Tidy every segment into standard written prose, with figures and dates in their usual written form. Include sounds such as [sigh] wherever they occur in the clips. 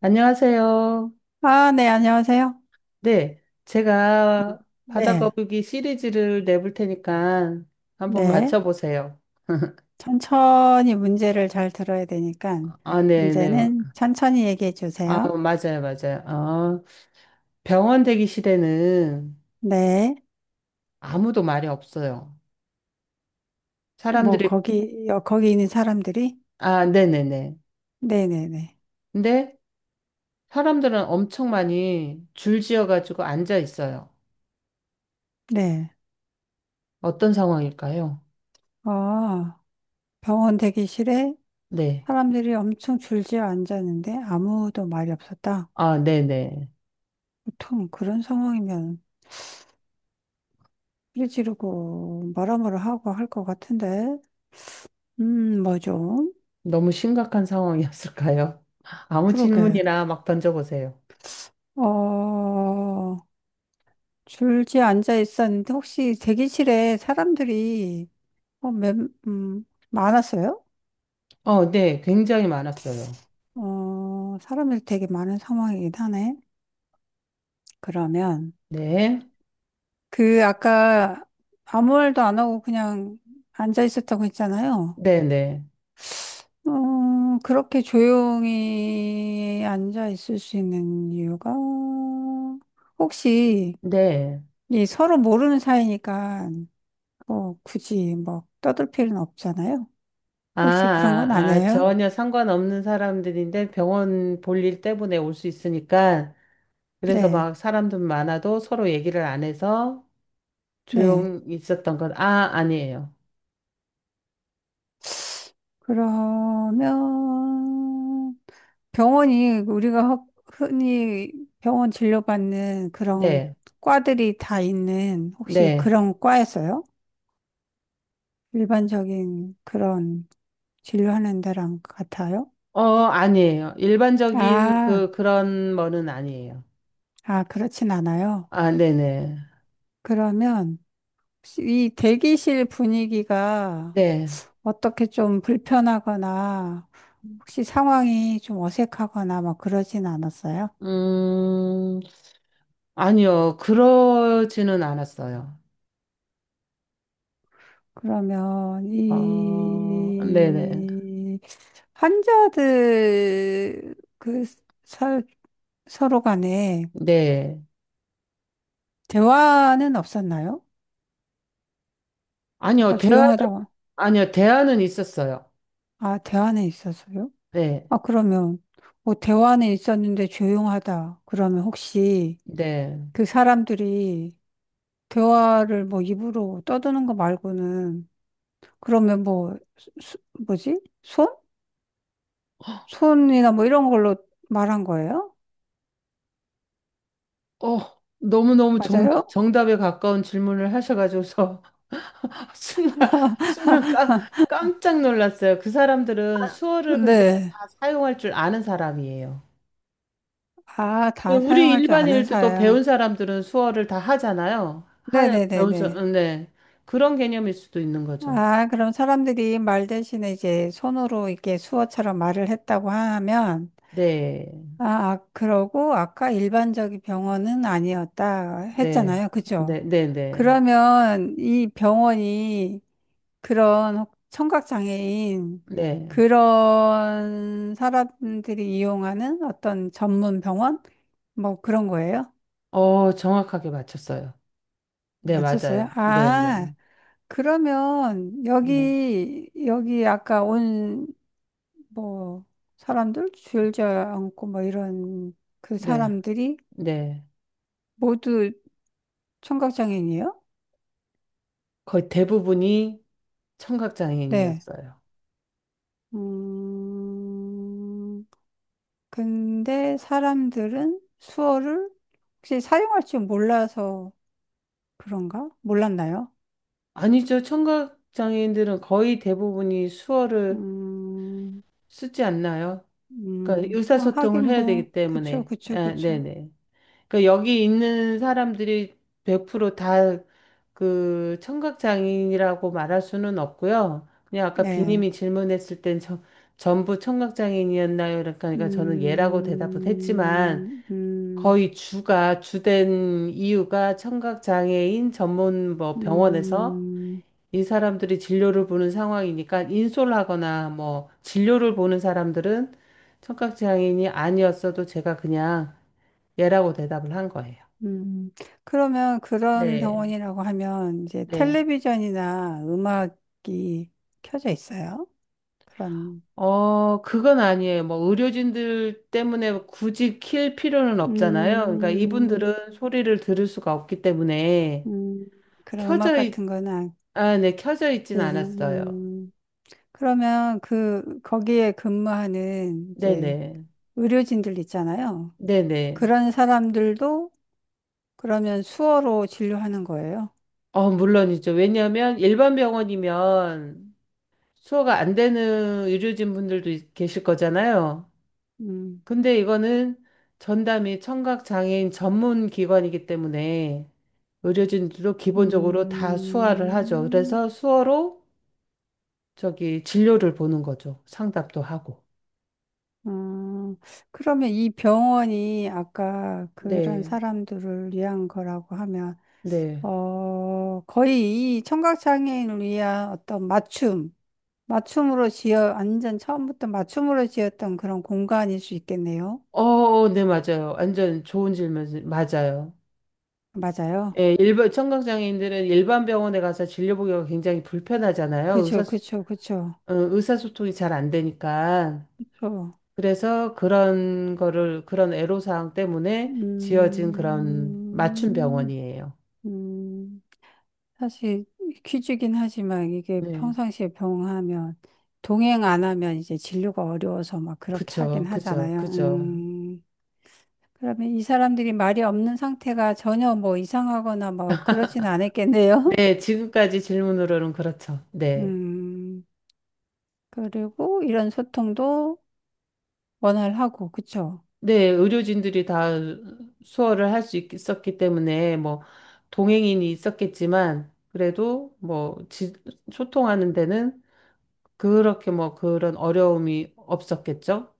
안녕하세요. 아, 네, 안녕하세요. 네, 제가 네, 바다거북이 시리즈를 내볼 테니까 한번 네. 맞춰보세요. [laughs] 천천히 문제를 잘 들어야 되니까, 아, 네, 네. 문제는 천천히 얘기해 아, 주세요. 맞아요, 맞아요. 아, 병원 대기실에는 네, 아무도 말이 없어요. 뭐, 사람들이, 거기, 거기 있는 사람들이? 아, 네네네. 네네네. 근데 사람들은 엄청 많이 줄지어가지고 앉아 있어요. 네. 어떤 상황일까요? 아, 병원 대기실에 네. 사람들이 엄청 줄지어 앉았는데 아무도 말이 없었다. 아, 네네. 보통 그런 상황이면 삐 지르고 뭐라뭐라 하고 할 것 같은데, 뭐 좀, 너무 심각한 상황이었을까요? [laughs] 아무 그러게. 질문이나 막 던져보세요. 어, 줄지에 앉아 있었는데 혹시 대기실에 사람들이 몇, 음, 많았어요? 어, 네, 굉장히 많았어요. 어, 사람들이 되게 많은 상황이긴 하네. 그러면 네, 그 아까 아무 말도 안 하고 그냥 앉아 있었다고 했잖아요. 네, 네, 어, 그렇게 조용히 앉아 있을 수 있는 이유가 혹시 네. 이 서로 모르는 사이니까 뭐 굳이 뭐 떠들 필요는 없잖아요. 아, 혹시 그런 건 아, 아, 아니에요? 전혀 상관없는 사람들인데 병원 볼일 때문에 올 수 있으니까 그래서 네, 막 사람들 많아도 서로 얘기를 안 해서 네. 조용히 있었던 건, 아, 아니에요. 그러면 병원이 우리가 흔히 병원 진료받는 그런 네, 과들이 다 있는 혹시 네. 그런 과에서요? 일반적인 그런 진료하는 데랑 같아요? 어, 아니에요. 일반적인 아, 그런 거는 아니에요. 아, 그렇진 않아요. 아, 네네. 그러면 혹시 이 대기실 분위기가 네. 어떻게 좀 불편하거나 혹시 상황이 좀 어색하거나 막 그러진 않았어요? 음, 아니요. 그러지는 않았어요. 그러면 어, 네네. 이 환자들 서, 서로 간에 네. 대화는 없었나요? 아니요, 아까 대화는, 조용하다고. 아니요, 대화는 있었어요. 아, 대화는 있었어요? 네. 아, 그러면 뭐 대화는 있었는데 조용하다. 그러면 혹시 네. 그 사람들이 대화를 뭐 입으로 떠드는 거 말고는 그러면 수- 뭐지? 손? 손이나 뭐 이런 걸로 말한 거예요? 어, 너무너무 정, 맞아요? 정답에 가까운 질문을 하셔가지고서 [laughs] 순간 깜짝 놀랐어요. 그 사람들은 수어를 근데 네. 다 사용할 줄 아는 사람이에요. 아, 예, 다 우리 사용할 줄 아는 일반인들도 사람. 배운 사람들은 수어를 다 하잖아요. 배운 네네네네. 사람, 네. 그런 개념일 수도 있는 거죠. 아, 그럼 사람들이 말 대신에 이제 손으로 이렇게 수어처럼 말을 했다고 하면, 네. 아, 아, 그러고 아까 일반적인 병원은 아니었다 네. 했잖아요. 네, 그죠? 네, 네. 그러면 이 병원이 그런 청각장애인 네. 그런 사람들이 이용하는 어떤 전문 병원? 뭐 그런 거예요? 어, 정확하게 맞췄어요. 네, 맞아요. 맞췄어요? 네, 네. 아. 그러면 네, 여기 아까 온 뭐 사람들 줄지 않고 뭐 이런 그 네, 사람들이 네. 모두 청각장애인이에요? 거의 대부분이 네. 청각장애인이었어요. 음, 근데 사람들은 수어를 혹시 사용할 줄 몰라서 그런가? 몰랐나요? 아니죠. 청각장애인들은 거의 대부분이 수어를 음, 쓰지 않나요? 그러니까 아, 의사소통을 하긴 해야 뭐, 되기 그쵸, 때문에. 그쵸, 아, 그쵸. 네네. 그러니까 여기 있는 사람들이 100%다 그 청각 장애인이라고 말할 수는 없고요. 그냥 아까 네. 비님이 질문했을 땐 저, 전부 청각 장애인이었나요? 그러니까 저는 예라고 대답은 했지만 음, 음. 거의 주가 주된 이유가 청각 장애인 전문 뭐 병원에서 음, 이 사람들이 진료를 보는 상황이니까 인솔하거나 뭐 진료를 보는 사람들은 청각 장애인이 아니었어도 제가 그냥 예라고 대답을 한 거예요. 음. 그러면 그런 네. 병원이라고 하면 이제 네. 텔레비전이나 음악이 켜져 있어요? 그런, 어, 그건 아니에요. 뭐, 의료진들 때문에 굳이 킬 필요는 없잖아요. 그러니까 음, 이분들은 소리를 들을 수가 없기 때문에 음, 그런 음악 켜져 있, 같은 거는 안, 아, 네, 켜져 있진 켜지. 않았어요. 음. 그러면 그, 거기에 근무하는 이제 네네. 의료진들 있잖아요. 네네. 그런 사람들도 그러면 수어로 진료하는 거예요. 어, 물론이죠. 왜냐하면 일반 병원이면 수호가 안 되는 의료진 분들도 계실 거잖아요. 음, 근데 이거는 전담이 청각장애인 전문 기관이기 때문에 의료진들도 기본적으로 다 수화를 하죠. 음. 그래서 수어로 저기 진료를 보는 거죠. 상담도 하고. 음, 그러면 이 병원이 아까 그런 네, 사람들을 위한 거라고 하면, 네. 어, 거의 이 청각장애인을 위한 어떤 맞춤, 맞춤으로 지어, 완전 처음부터 맞춤으로 지었던 그런 공간일 수 있겠네요. 어, 어, 네, 맞아요. 완전 좋은 질문, 맞아요. 맞아요. 예, 청각장애인들은 일반 병원에 가서 진료 보기가 굉장히 불편하잖아요. 그쵸, 그쵸, 그쵸, 의사소통이 잘 안 되니까. 그쵸. 그래서 그런 애로사항 때문에 지어진 그런 맞춤 음, 병원이에요. 음. 사실 퀴즈긴 하지만 이게 네. 평상시에 병하면 동행 안 하면 이제 진료가 어려워서 막 그렇게 그쵸, 하긴 그죠, 하잖아요. 그죠. 그러면 이 사람들이 말이 없는 상태가 전혀 뭐 이상하거나 뭐 그러진 않았겠네요. 네, 지금까지 질문으로는 그렇죠. [laughs] 네. 음, 그리고 이런 소통도 원활하고, 그쵸? 네, 의료진들이 다 수어를 할 수 있었기 때문에, 뭐, 동행인이 있었겠지만, 그래도 뭐, 소통하는 데는 그렇게 뭐, 그런 어려움이 없었겠죠?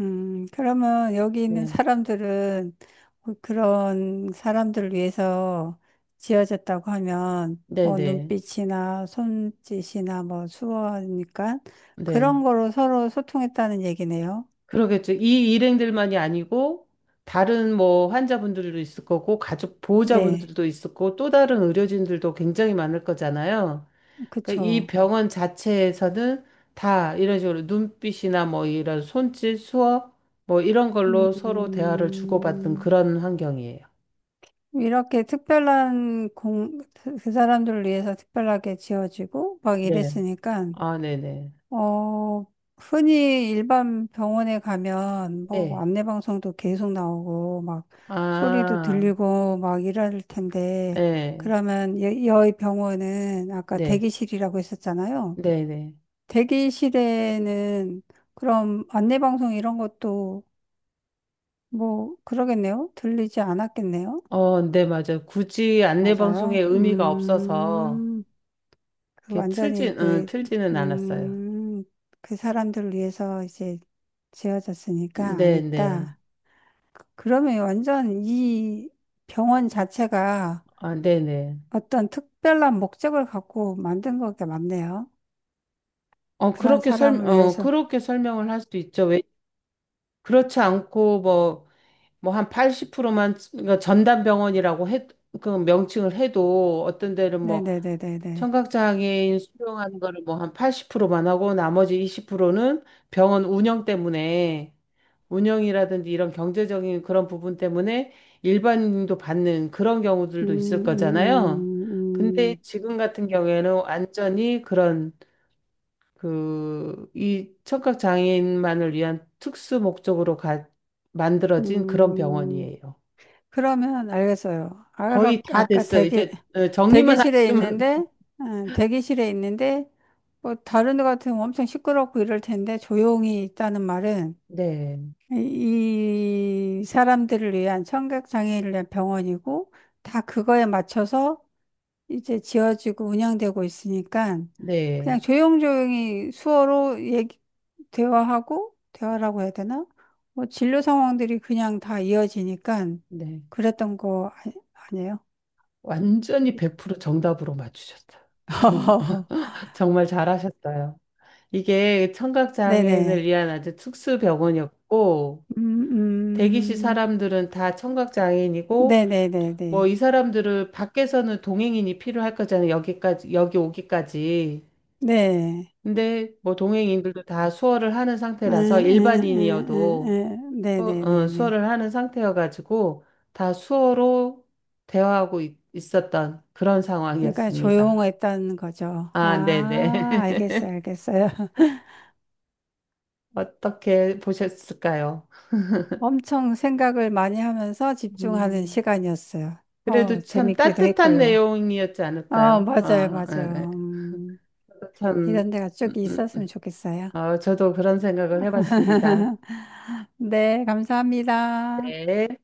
그러면 여기 있는 네. 사람들은 그런 사람들을 위해서 지어졌다고 하면 뭐 네네. 눈빛이나 손짓이나 뭐 수어니까 네. 그런 거로 서로 소통했다는 얘기네요. 그러겠죠. 이 일행들만이 아니고 다른 뭐 환자분들도 있을 거고 가족 네, 보호자분들도 있을 거고 또 다른 의료진들도 굉장히 많을 거잖아요. 그러니까 이 그쵸. 병원 자체에서는 다 이런 식으로 눈빛이나 뭐 이런 손짓, 수어 뭐 이런 걸로 서로 대화를 주고받는 음, 그런 환경이에요. 이렇게 특별한 공, 그 사람들을 위해서 특별하게 지어지고 막 네. 이랬으니까 아, 네네. 어, 흔히 일반 병원에 가면 뭐 네. 안내방송도 계속 나오고 막 소리도 아, 들리고 막 이럴 텐데 네. 그러면 여의 병원은 아까 네. 대기실이라고 했었잖아요. 네네. 대기실에는 그럼 안내방송 이런 것도 뭐 그러겠네요. 들리지 않았겠네요. 어, 네, 맞아요. 굳이 안내 방송에 맞아요. 의미가 없어서 음. 그 이렇게 완전히 그, 틀지는 않았어요. 음, 그 사람들을 위해서 이제 지어졌으니까 안 네네. 했다. 그러면 완전 이 병원 자체가 아, 네네. 어떤 특별한 목적을 갖고 만든 것 같네요. 어, 그런 그렇게 사람을 위해서. 설명을 할 수도 있죠. 왜, 그렇지 않고, 뭐, 한 80%만, 그러니까 전담병원이라고 해, 그 명칭을 해도, 어떤 데는 뭐, 네네네네네. 청각장애인 수용하는 거를 뭐, 한 80%만 하고, 나머지 20%는 병원 운영 때문에, 운영이라든지 이런 경제적인 그런 부분 때문에 일반인도 받는 그런 음, 경우들도 있을 음, 거잖아요. 근데 음, 지금 같은 경우에는 완전히 그런 그 이 청각 장애인만을 위한 특수 목적으로 음, 만들어진 그런 음. 병원이에요. 그러면 알겠어요. 아까, 거의 다 아까 됐어요. 대기, 이제 정리만 대기실에 하시면 있는데, [laughs] 대기실에 있는데, 뭐 다른 데 같으면 엄청 시끄럽고 이럴 텐데 조용히 있다는 말은 네, 이 사람들을 위한 청각 장애인을 위한 병원이고 다 그거에 맞춰서 이제 지어지고 운영되고 있으니까 네, 그냥 조용조용히 수어로 얘기, 대화하고, 대화라고 해야 되나? 뭐 진료 상황들이 그냥 다 이어지니까 네. 그랬던 거 아니, 아니에요? 완전히 100% 정답으로 맞추셨다. 정, [laughs] [laughs] 정말 잘하셨어요. 이게 청각장애인을 네네. 위한 아주 특수 병원이었고, 음, 대기실 음, 사람들은 다 청각장애인이고, 네네네네. 뭐 이 사람들을 밖에서는 동행인이 필요할 거잖아요. 여기까지, 여기 오기까지. 네. 근데 뭐 동행인들도 다 수어를 하는 상태라서 일반인이어도 네네네네. 수어를 하는 상태여가지고 다 수어로 대화하고 있었던 그런 그러니까 상황이었습니다. 조용했다는 거죠. 아, 네네. 아, 알겠어요, [laughs] 알겠어요. [laughs] 어떻게 보셨을까요? 엄청 생각을 많이 하면서 집중하는 음. 시간이었어요. 그래도 어, 참 재밌기도 따뜻한 했고요. 내용이었지 어, 않을까요? 맞아요, 아, 예, 예. 맞아요. 저도 참, 이런 데가 음, 쭉 음, 있었으면 좋겠어요. 저도 그런 생각을 해봤습니다. [laughs] 네, 감사합니다. 네.